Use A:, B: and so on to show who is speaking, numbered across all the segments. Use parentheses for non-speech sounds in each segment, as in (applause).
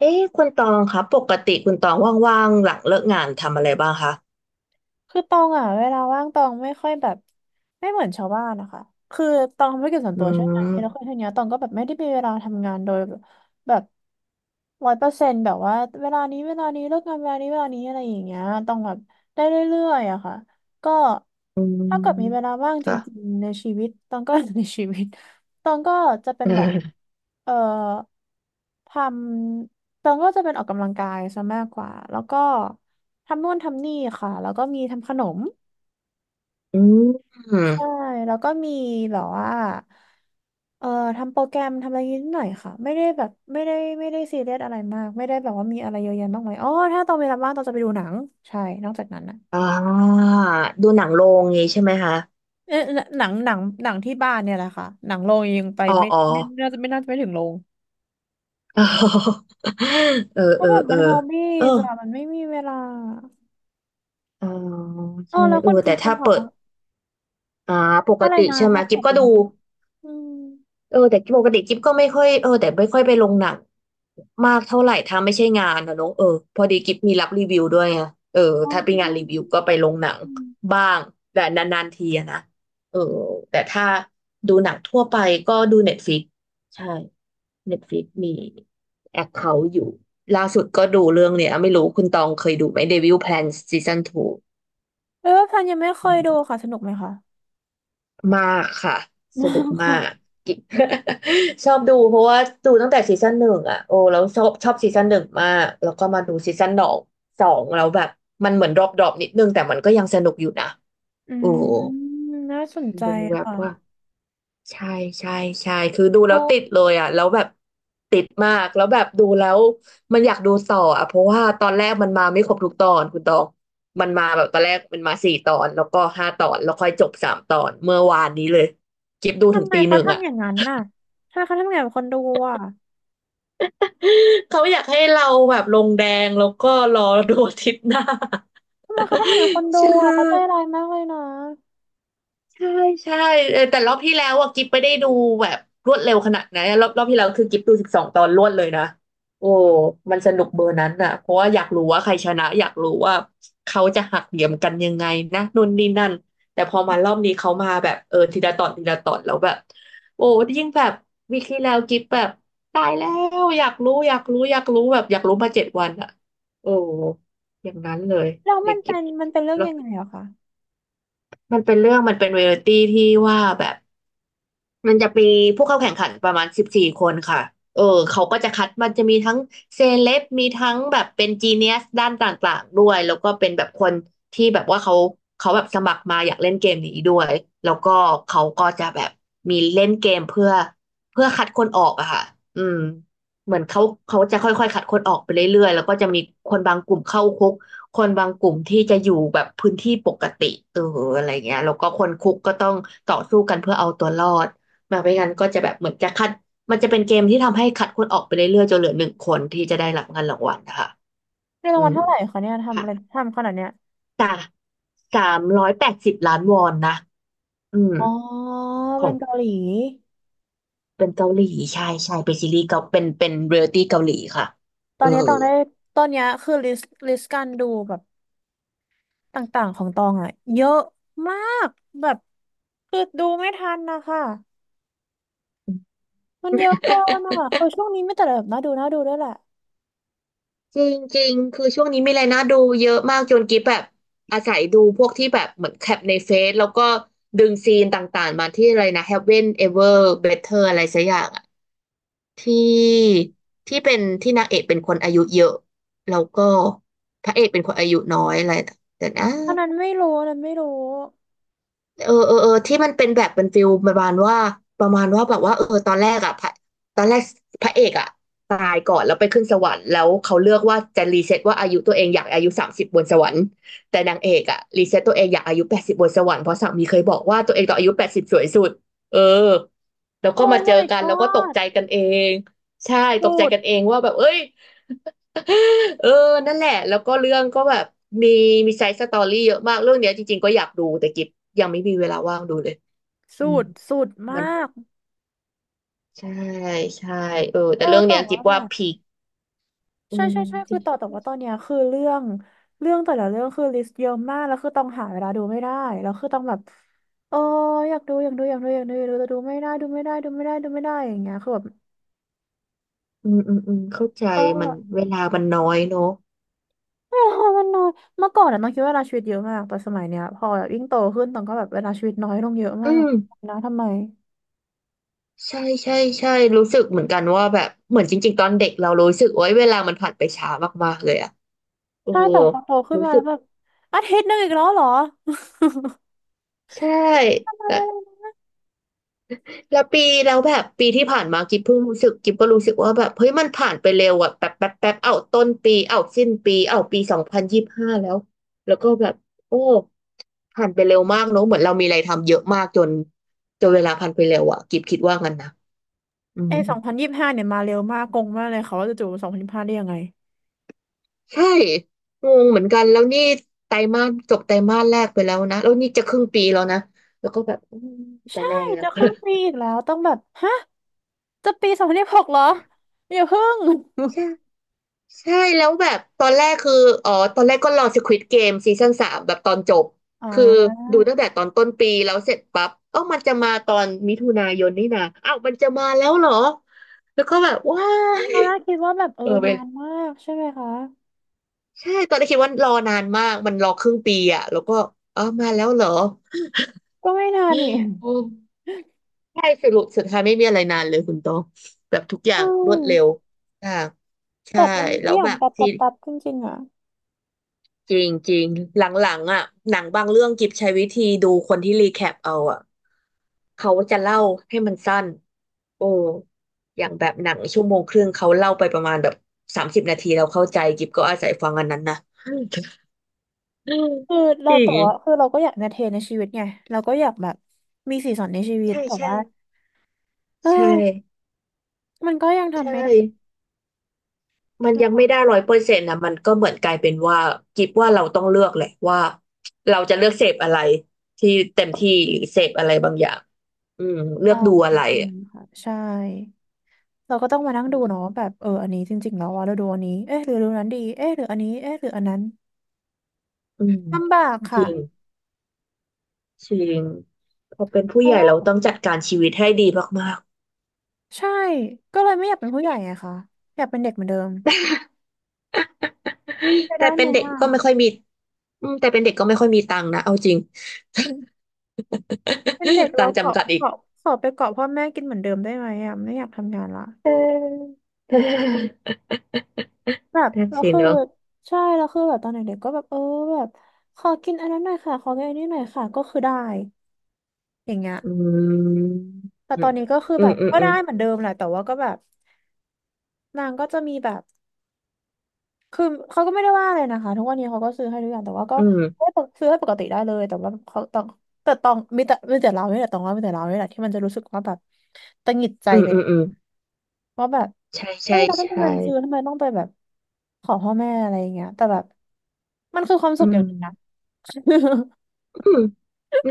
A: เอ๊ะคุณตองคะปกติคุณตองว่างๆหลังเลิกงานทำอะไรบ้างคะ
B: คือตองอ่ะเวลาว่างตองไม่ค่อยแบบไม่เหมือนชาวบ้านนะคะคือตองทำธุรกิจส่วน
A: อื
B: ตัวใช่ไหมแล้วคือ
A: ม
B: ทีเนี้ยตองก็แบบไม่ได้มีเวลาทำงานโดยแบบ100%แบบว่าเวลานี้เวลานี้เลิกงานเวลานี้เวลานี้อะไรอย่างเงี้ยตองแบบได้เรื่อยๆอะค่ะก็
A: อื
B: ถ้าเกิดมีเวลา
A: ม
B: ว่างจ
A: ค่ะ (laughs)
B: ริงๆในชีวิตตองก็ (laughs) ในชีวิตตองก็จะเป็
A: เ
B: นแบบ
A: ออ
B: เอ่อทำตองก็จะเป็นออกกำลังกายซะมากกว่าแล้วก็ ทำนู่นทำนี่ค่ะแล้วก็มีทำขนม
A: อืม
B: ใช่แล้วก็มีแบบว่าเอ่อทำโปรแกรมทำอะไรนิดหน่อยค่ะไม่ได้แบบไม่ได้ไม่ได้ซีเรียสอะไรมากไม่ได้แบบว่ามีอะไรเยอะแยะมากมายอ๋อถ้าตอนเวลาว่างตอนจะไปดูหนังใช่นอกจากนั้นนะ
A: อ่าดูหนังโรงงี้ใช่ไหมคะ
B: เอ๊ะหนังที่บ้านเนี่ยแหละค่ะหนังโรงยังไป
A: อ๋อ
B: ไม่
A: อ๋อ
B: ไม่น่าจะไม่น่าจะไม่ถึงโรง
A: อ๋อ (laughs) เออ
B: เพ
A: เอ
B: ราะ
A: อ
B: แบบ
A: เอ
B: มั
A: อ
B: นฮอบบี้
A: เออ
B: จ้ะมันไม่มีเวลา
A: อ๋อ
B: อ๋อ
A: ใช่
B: แล้ว
A: เอ
B: คุ
A: อ
B: ณกิ
A: แต่
B: ฟต์
A: ถ้า
B: ล่ะคะ
A: เปิดอ่าปก
B: อะไร
A: ติ
B: นะ
A: ใช่ไหม
B: ถ้าต
A: กิ
B: อ
A: ฟ
B: บอ
A: ก็
B: ยู่
A: ดู
B: บ้างอืม
A: เออแต่ปกติกิ๊บก็ไม่ค่อยเออแต่ไม่ค่อยไปลงหนังมากเท่าไหร่ถ้าไม่ใช่งานนะเนอะเออพอดีกิ๊บมีรับรีวิวด้วยไงเออ
B: อ๋อ
A: ถ้าเป็นงานรีวิวก็ไปลงหนังบ้างแต่นานๆทีอะนะเออแต่ถ้าดูหนังทั่วไปก็ดูเน็ตฟ i ิกใช่เน็ตฟลิกมีแอคเคาท์อยู่ล่าสุดก็ดูเรื่องเนี้ยไม่รู้คุณตองเคยดูไหม Devil Plans Season 2
B: เออพันยังไม่เคยดูค่ะสนุกไหมคะ
A: มากค่ะส
B: มา
A: นุก
B: ก
A: มา
B: ค่ะ
A: ก (laughs) กิ๊ก (laughs) ชอบดูเพราะว่าดูตั้งแต่ซีซั่นหนึ่งอ่ะโอ้แล้วชอบซีซั่นหนึ่งมากแล้วก็มาดูซีซั่นสองแล้วแบบมันเหมือนดรอปนิดนึงแต่มันก็ยังสนุกอยู่นะ
B: อื
A: โอ้
B: มน่าสนใจ
A: ดูแบบ
B: ค่ะ
A: ว่า ใช่ใช่ใช่คือดูแล้
B: โอ้
A: วติดเลยอ่ะแล้วแบบติดมากแล้วแบบดูแล้วมันอยากดูต่ออ่ะเพราะว่าตอนแรกมันมาไม่ครบทุกตอนคุณตองมันมาแบบตอนแรกมันมาสี่ตอนแล้วก็ห้าตอนแล้วค่อยจบสามตอนเมื่อวานนี้เลยกิฟดูถึ
B: ทำ
A: ง
B: ไม
A: ตีห
B: เขา
A: นึ่งอ่ะ
B: ทำอย่างนั้นน่ะทำไมเขาทำอย่างนั้นกับคนดูอ่ะ
A: เขาอยากให้เราแบบลงแดงแล้วก็รอดูอาทิตย์หน้า
B: ทำไมเขาทำอย่างนั้นกับคน
A: (laughs)
B: ดู
A: ใช่
B: อ่ะเขาใจร้ายมากเลยนะ
A: ใช่ใช่เออแต่รอบที่แล้วอ่ะกิ๊บไม่ได้ดูแบบรวดเร็วขนาดนั้นรอบที่แล้วคือกิ๊บดูสิบสองตอนรวดเลยนะโอ้มันสนุกเบอร์นั้นอ่ะเพราะว่าอยากรู้ว่าใครชนะอยากรู้ว่าเขาจะหักเหลี่ยมกันยังไงนะนู่นนี่นั่นแต่พอมารอบนี้เขามาแบบเออทีละตอนทีละตอนแล้วแบบโอ้ยิ่งแบบวีคที่แล้วกิ๊บแบบตายแล้วอยากรู้แบบอยากรู้มาเจ็ดวันอ่ะโอ้อย่างนั้นเลย
B: แล้ว
A: เด็
B: มั
A: ก
B: น
A: กิ๊
B: เป็
A: บ
B: นมันเป็นเรื่อง
A: แล้ว
B: ยังไงอะคะ
A: มันเป็นเรื่องมันเป็นเรียลตี้ที่ว่าแบบ มันจะมีผู้เข้าแข่งขันประมาณสิบสี่คนค่ะเออเขาก็จะคัดมันจะมีทั้งเซเลบมีทั้งแบบเป็นจีเนียสด้านต่างๆด้วยแล้วก็เป็นแบบคนที่แบบว่าเขาแบบสมัครมาอยากเล่นเกมนี้ด้วยแล้วก็เขาก็จะแบบมีเล่นเกมเพื่อคัดคนออกอะค่ะอืมเหมือนเขาเขาจะค่อยๆคัดคนออกไปเรื่อยๆแล้วก็จะมีคนบางกลุ่มเข้าคุกคนบางกลุ่มที่จะอยู่แบบพื้นที่ปกติเอออะไรเงี้ยแล้วก็คนคุกก็ต้องต่อสู้กันเพื่อเอาตัวรอด แบบไม่งั้นก็จะแบบเหมือนจะคัดมันจะเป็นเกมที่ทำให้คัดคนออกไปเรื่อยๆจนเหลือหนึ่งคนที่จะได้รับเงินรางวัลนะคะ
B: ในรา
A: อื
B: งวัล
A: ม
B: เท่าไหร่คะเนี่ยทำอะไร
A: ค่ะ
B: ทำขนาดเนี้ย
A: จากสามร้อยแปดสิบล้านวอนนะอืม
B: อ๋อ
A: ข
B: เป็
A: อ
B: น
A: ง
B: เกาหลี
A: เป็นเกาหลีใช่เป็นซีรีส์เกาเป็นเรียลตี้เกาหลีค่ะ
B: ตอ
A: เอ
B: น
A: อ
B: นี้ตองได้ตอนเนี้ยคือลิสต์การดูแบบต่างๆของตองอ่ะเยอะมากแบบคือดูไม่ทันนะคะ มันเยอะเกินอ่ะเออช่วงนี้ไม่แต่แบบน่าดูน่าดูด้วยแหละ
A: จริงจริงคือช่วงนี้มีอะไรน่าดูเยอะมากจนกิ๊บแบบอาศัยดูพวกที่แบบเหมือนแคปในเฟซแล้วก็ดึงซีนต่างๆมาที่อะไรนะ Heaven Ever Better อะไรสักอย่างอะ ที่ที่เป็นที่นางเอกเป็นคนอายุเยอะแล้วก็พระเอกเป็นคนอายุน้อยอะไรแต่นะ
B: อันนั้นไม่รู้อันนั้นไม่รู้
A: เออที่มันเป็นแบบเป็นฟิลประมาณว่าประมาณว่าแบบว่าเออตอนแรกอ่ะพระตอนแรกพระเอกอ่ะตายก่อนแล้วไปขึ้นสวรรค์แล้วเขาเลือกว่าจะรีเซ็ตว่าอายุตัวเองอยากอายุสามสิบบนสวรรค์แต่นางเอกอ่ะรีเซ็ตตัวเองอยากอายุแปดสิบบนสวรรค์เพราะสามีเคยบอกว่าตัวเองตอนอายุแปดสิบสวยสุดเออแล้วก็
B: โอ้
A: มาเจอ
B: my
A: กันแล้วก็ตก
B: god
A: ใจกันเองใช่ต
B: สุ
A: กใจ
B: ด
A: กันเองว่าแบบเอ้ย (laughs) เออนั่นแหละแล้วก็เรื่องก็แบบมีมีไซส์สตอรี่เยอะมากเรื่องเนี้ยจริงๆก็อยากดูแต่กิฟยังไม่มีเวลาว่างดูเลยอื
B: สุ
A: ม
B: ดสุดม
A: มัน
B: าก
A: ใช่ใช่เออ
B: เอ
A: แต่
B: อ
A: เรื่อง
B: แต่
A: เนี้ยกิ
B: ว่า
A: ฟ
B: แบ
A: ว่า
B: บ
A: พีคอื
B: ใช่
A: ม
B: ใช่ใช่
A: จ
B: คื
A: ริ
B: อต่อ
A: ง
B: แต่ว่าตอนเนี้ยคือเรื่องเรื่องแต่ละเรื่องคือลิสต์เยอะมากแล้วคือต้องหาเวลาดูไม่ได้แล้วคือต้องแบบเอออยากดูอยากดูอยากดูอยากดูอยากดูแต่ดูไม่ได้ดูไม่ได้ดูไม่ได้ดูไม่ได้อย่างเงี้ยคือแบบ
A: อืมเข้าใจ
B: ก็เว
A: มั
B: ล
A: นเวลามันน้อยเนอะ
B: ามันน้อยเมื่อก่อนอะน้องคิดว่าเวลาชีวิตเยอะมากแต่สมัยเนี้ยพอแบบยิ่งโตขึ้นต้องก็แบบเวลาชีวิตน้อยลงเยอะ
A: อื
B: มาก
A: ม
B: นะทำไม
A: ใช่ใช่ใช่รู้สึกเหมือนกันว่าแบบเหมือนจริงๆตอนเด็กเรารู้สึกโอ้ยเวลามันผ่านไปช้ามากๆเลยอะเออ
B: ใช่แต่พอโตขึ้น
A: รู้
B: มา
A: สึ
B: แล้
A: ก
B: วแบบอาทิตย์หนึงอีกแล้วเหรอ
A: ใช่
B: (laughs) อะไร
A: แล้วปีแล้วแบบปีที่ผ่านมากิ๊บรู้สึกว่าแบบเฮ้ยมันผ่านไปเร็วอะแบบแป๊บเอาต้นปีเอาสิ้นปีเอาปี2025แล้วแล้วก็แบบโอ้ผ่านไปเร็วมากเนอะเหมือนเรามีอะไรทำเยอะมากจนเวลาผ่านไปเร็วอะกิ๊บคิดว่างั้นนะอื
B: ไอ
A: ม
B: 2025เนี่ยมาเร็วมากงงมากเลยเขาว่าจะจู่สองพันยี่สิบห้าได้ยังไง
A: ใช่งงเหมือนกันแล้วนี่ไตรมาสแรกไปแล้วนะแล้วนี่จะครึ่งปีแล้วนะแล้วก็แบบอืมไป
B: ใช่
A: แล้ว
B: จะครึ่งปีอีกแล้วต้องแบบฮะจะปี2026เหรออย่าเพิ่ง
A: ใช่ ใช่แล้วแบบตอนแรกคืออ๋อตอนแรกก็รอ Squid Game ซีซั่น3แบบตอนจบ
B: (laughs) อ่
A: คือ
B: า
A: ดูตั้งแต่ตอนต้นปีแล้วเสร็จปั๊บเอ้ามันจะมาตอนมิถุนายนนี่นะอ้าวมันจะมาแล้วเหรอแล้วก็แบบว้า
B: ต
A: ย
B: อนแรกคิดว่าแบบเออ
A: เออเป็
B: นา
A: น
B: นมากใช่ไหมคะ
A: ใช่ตอนแรกคิดว่ารอนานมากมันรอครึ่งปีอะแล้วก็อ้าวมาแล้วเหรอ
B: ก็ไม่นานนี่
A: โอ้ใช่สรุปสุดท้ายไม่มีอะไรนานเลยคุณโตองแบบทุกอย่า
B: อื
A: งรวดเร็ว
B: ม
A: อ่า
B: แบ
A: ใช่
B: บมัน
A: แล้
B: ไม่
A: ว
B: ยอ
A: แบ
B: ม
A: บ
B: ปรับป
A: ซี
B: รับปรับจริงๆอ่ะ
A: จริงจริงหลังๆอ่ะหนังบางเรื่องกิบใช้วิธีดูคนที่รีแคปเอาอ่ะเขาจะเล่าให้มันสั้นโอ้อย่างแบบหนังชั่วโมงครึ่งเขาเล่าไปประมาณแบบ30 นาทีเราเข้าใจกิบก็อาศัยฟังอันนั้นนะ (laughs)
B: คือ
A: จ
B: เรา
A: ริ
B: แต่ว่า
A: ง
B: คือเราก็อยากเอนเตอร์เทนในชีวิตไงเราก็อยากแบบมีสีสันในชีวิต
A: ใช่
B: แต่
A: ใช่
B: ว่าเอ
A: ใช
B: อ
A: ่
B: มันก็ยัง
A: ใช
B: ทำไม่ได
A: ่มันยังไม่
B: ้
A: ได้100%นะมันก็เหมือนกลายเป็นว่ากิบว่าเราต้องเลือกแหละว่าเราจะเลือกเสพอะไรที่เต็มที่หรือเสพอะไรบางอย่างอืมเลื
B: อ๋
A: อ
B: อ
A: กดู
B: จ
A: อะไร
B: ริง
A: อะ
B: ๆค่ะใช่เราก็ต้องมานั่งดูเนาะแบบเอออันนี้จริงๆแล้วว่าเราดูอันนี้เอ๊ะหรือดูนั้นดีเอ๊ะหรืออันนี้เอ๊ะหรืออันนั้น
A: อืม
B: ลำบาก
A: จ
B: ค่ะ
A: ริงจริงพอเป็นผู้
B: เพ
A: ให
B: ราะ
A: ญ่
B: ว่า
A: เราต้องจัดการชีวิตให้ดีมาก
B: ใช่ก็เลยไม่อยากเป็นผู้ใหญ่ไงคะอยากเป็นเด็กเหมือนเดิม
A: ๆ
B: มันจะ
A: (laughs) แต่
B: ได้
A: แต่เป็
B: ไหม
A: นเด็ก
B: อ่ะ
A: ก็ไม่ค่อยมีอืมแต่เป็นเด็กก็ไม่ค่อยมีตังค์นะเอาจริง
B: เป็นเด็ก
A: (laughs) ตั
B: เรา
A: งค์
B: เกาะ
A: จำกัดอีก
B: เกาะขอไปเกาะพ่อแม่กินเหมือนเดิมได้ไหมอ่ะไม่อยากทำงานละ
A: (laughs) เออเออ
B: แบบ
A: นั่น
B: เรา
A: สิ
B: คือ
A: เนอะ
B: ใช่เราคือแบบตอนเด็กๆก็แบบเออแบบขอกินอันนั้นหน่อยค่ะขอกินอันนี้หน่อยค่ะก็คือได้อย่างเงี้ย
A: อืม
B: แต่
A: อื
B: ตอ
A: ม
B: นนี้ก็คือ
A: อื
B: แบ
A: ม
B: บ
A: อืม
B: ก็
A: อื
B: ได้
A: ม
B: เหมือนเดิมแหละแต่ว่าก็แบบ นางก็จะมีแบบคือเขาก็ไม่ได้ว่าอะไรนะคะทุกวันนี้เขาก็ซื้อให้ทุกอย่างแต่ว่าก็
A: อื
B: ให้
A: ม
B: ซื้อให้ปกติได้เลยแต่ว่าเขาต้องแต่ต้องมีแต่มีแต่เราเนี่ยแหละต้องว่ามีแต่เราเนี่ยแหละที่มันจะรู้สึกว่าแบบตังหงิดใจ
A: อืม
B: ไป
A: อืมอืม
B: ว่าแบบ
A: ใช่
B: เฮ้
A: ใช่
B: ยเราต้องมี
A: ใช่
B: เงินซื้อทำไมต้องไปแบบขอพ่อแม่อะไรอย่างเงี้ยแต่แบบมันคือความ
A: อื
B: สุขอย่า
A: ม
B: งหนึงนะ
A: อืม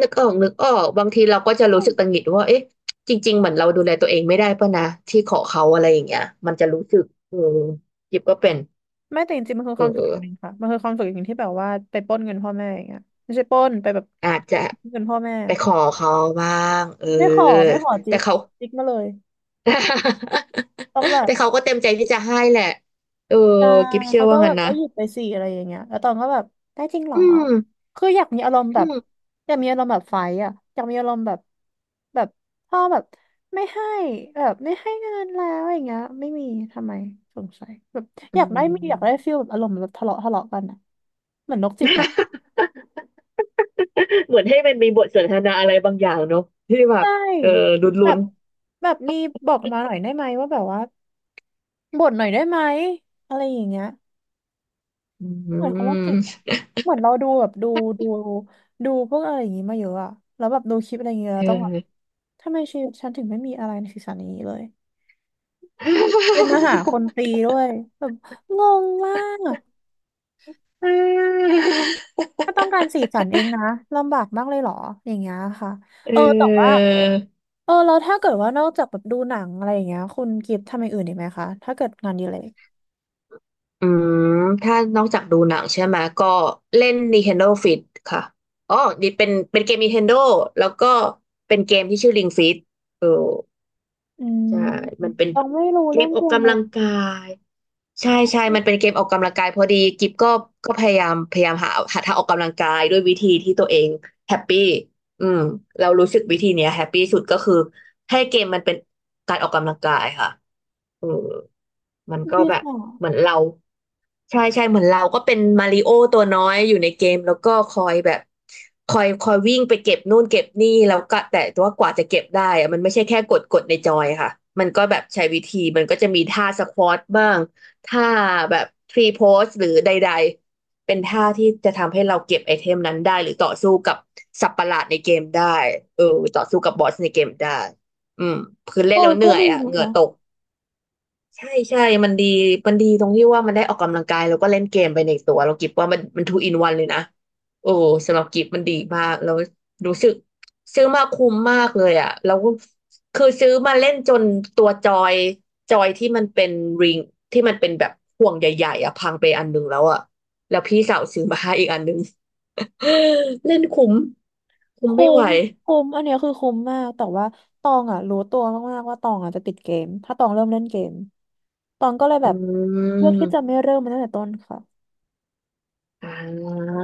A: นึกออกนึกออกบางทีเราก็จะรู้สึกตังหงิดว่าเอ๊ะจริงๆเหมือนเราดูแลตัวเองไม่ได้ป่ะนะที่ขอเขาอะไรอย่างเงี้ยมันจะรู้สึกเออยิบก็เป็น
B: (laughs) ไม่แต่จริงๆมันคือ
A: เอ
B: ความสุขอ
A: อ
B: ย่างหนึ่งค่ะมันคือความสุขอย่างหนึ่งที่แบบว่าไปปล้นเงินพ่อแม่อย่างเงี้ยไม่ใช่ปล้นไปแบบ
A: อาจจะ
B: เงินพ่อแม่
A: ไปขอเขาบ้างเออ
B: ไม่ขอไม่ขอจิ
A: แต่
B: ก
A: เขา
B: จิกมาเลยต้องแบ
A: (laughs)
B: บ
A: แต่เขาก็เต็มใจที่จะให้แหละเออ
B: ใช่
A: กิฟเชื่อ
B: เขาก็
A: ว่า
B: แบ
A: งั้น
B: บ
A: นะ
B: ก็หยุดไปสี่อะไรอย่างเงี้ยแล้วตองก็แบบได้จริงเหร
A: อื
B: อ
A: ม
B: คืออยากมีอารมณ์แบ
A: อื
B: บ
A: ม (laughs)
B: อยากมีอารมณ์แบบไฟท์อ่ะอยากมีอารมณ์แบบแบบพ่อแบบไม่ให้แบบไม่ให้เงินแล้วอย่างเงี้ยไม่มีทำไมสงสัยแบบ
A: อื
B: อยากได้มีอยากได้
A: ม
B: ฟีลแบบอารมณ์แบบทะเลาะทะเลาะกันอ่ะเหมือนนกจิตเนาะ
A: เหมือนให้มันมีบทสนทนาอะไรบางอย่างเนอะที่แบบ
B: ใช่
A: เออ
B: แบ
A: ลุ้น
B: บแบบมีบอกมาหน่อยได้ไหมว่าแบบว่าบ่นหน่อยได้ไหมอะไรอย่างเงี้ย
A: ๆอื
B: เหมือนคนโรคจิตเห
A: ม
B: อะเหมือนเราดูแบบดูดูดูพวกอะไรอย่างงี้มาเยอะอะแล้วแบบดูคลิปอะไรอย่างเงี้ย
A: เอ
B: เราต้องแบบ
A: อ
B: ทำไมชีวิตฉันถึงไม่มีอะไรในศีรษะนี้เลยเป็นมาหาคน
A: (laughs)
B: ตีด้วยแบบงงมาก
A: เออ
B: ถ้าต้องการสีสันเองนะลำบากมากเลยเหรออย่างเงี้ยค่ะเออแต่ว่าเออแล้วถ้าเกิดว่านอกจากแบบดูหนังอะไรอย่างเงี้ยคุณกิฟต์ทำอย่างอื่นอีกไหมคะถ้าเกิดงานอดีเลย
A: อืมถ้านอกจากดูหนังใช่ไหม ก็เล่น Nintendo Fit ค่ะอ๋อดีเป็นเกม Nintendo แล้วก็เป็นเกมที่ชื่อ Ring Fit เออ
B: อืม
A: ใช่มันเป็น
B: ยังไม่รู้
A: เก
B: เรื่
A: ม
B: อง
A: อ
B: เพ
A: อ
B: ล
A: ก
B: งเล
A: กำลั
B: ย
A: งกาย ใช่ใช่มันเป็นเกมออกกำลังกายพอดีกิฟก็ก็พยายามหาทางออกกำลังกายด้วยวิธีที่ตัวเองแฮปปี้อืมเรารู้สึกวิธีเนี้ยแฮปปี้สุดก็คือให้เกมมันเป็นการออกกำลังกายค่ะเออมมัน
B: (laughs)
A: ก็
B: บิ
A: แบ
B: ส
A: บ
B: เนส
A: เหมือนเราใช่ใช่เหมือนเราก็เป็นมาริโอตัวน้อยอยู่ในเกมแล้วก็คอยแบบคอยวิ่งไปเก็บนู่นเก็บนี่แล้วก็แต่ว่ากว่าจะเก็บได้อะมันไม่ใช่แค่กดในจอยค่ะมันก็แบบใช้วิธีมันก็จะมีท่าสควอตบ้าง ท่าแบบพรีโพสหรือใดๆ เป็นท่าที่จะทำให้เราเก็บไอเทมนั้นได้หรือต่อสู้กับสัตว์ประหลาดในเกมได้เออต่อสู้กับบอสในเกมได้อืมคือเล่
B: เอ
A: นแล้
B: อ
A: วเห
B: ก็
A: นื่อย
B: ดี
A: อ่ะ
B: นะ
A: เหงื่อ
B: คะ
A: ตก ใช่ใช่มันดีมันดีตรงที่ว่ามันได้ออกกำลังกายแล้วก็เล่นเกมไปในตัวเรากิบว่ามันทูอินวันเลยนะโอ้สำหรับกิบมันดีมากแล้วรู้สึกซื้อมาคุ้มมากเลยอ่ะแล้วก็คือซื้อมาเล่นจนตัวจอยที่มันเป็นริงที่มันเป็นแบบห่วงใหญ่ๆอ่ะพังไปอันหนึงแล้วอ่ะแล้วพี่สาวซื้อมาให้อีกอันหนึง (laughs) เล่นคุ้มคุ้ม
B: คุ้
A: ไม่ไหว
B: มคุ้มอันเนี้ยคือคุ้มมากแต่ว่าตองอ่ะรู้ตัวมากๆว่าตองอ่ะจะติดเกมถ้าตองเริ่มเล่นเกมตองก็เลย
A: อื
B: แบบเลือกที่จะไม่
A: ม
B: เริ่มมันตั้งแต่ต้นค่ะ
A: อ่าอื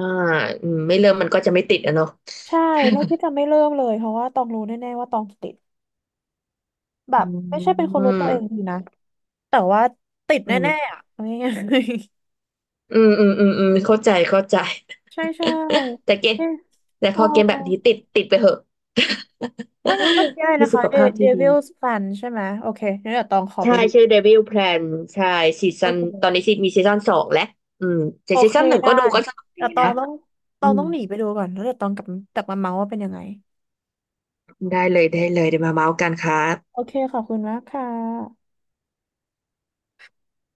A: มไม่เริ่มมันก็จะไม่ติดอะเนาะ
B: ใช่เลือกที่จะไม่เริ่มเลยเพราะว่าตองรู้แน่ๆว่าตองจะติดแบ
A: อื
B: บไม่ใช่เป็นค
A: ม
B: นรู้ตัวเองดี
A: อ
B: นะแต่ว่าติด
A: ื
B: แน่
A: ม
B: ๆอ่ะเอาง่าย
A: อืม อืม อืม อืมเข้าใจเข้าใจ
B: ๆ (laughs) ใช่ใช่
A: (laughs) แต่เกม
B: เนี่ย
A: แต่
B: เอ
A: พ
B: อ
A: อเกมแบบนี้ติด ติดไปเหอะ
B: ถ้างั้นเมื่อกี้อะไร
A: (laughs) มี
B: นะ
A: สุ
B: คะ
A: ข
B: The
A: ภาพที่ดี
B: Devil's Plan ใช่ไหมโอเคงั้นเดี๋ยวตองขอไป
A: ใช่
B: ดู
A: ชื่อ Devil Plan ใช่ซี
B: โอ
A: ซันตอน
B: เค
A: นี้ซีมีซีซันสองแล้วอืมแต่
B: โอ
A: ซี
B: เค
A: ซันหนึ่ง
B: ได้
A: ก็ดูก็สนุกดี
B: แต่ตอ
A: นะ
B: งต้อง
A: อืม
B: หนีไปดูก่อนแล้วเดี๋ยวตองกลับกลับมาเมาส์ว่าเป็นยังไง
A: ได้เลย ได้เลยเดี๋ยวมาเมาส์กันครับ
B: โอเคขอบคุณมากค่ะ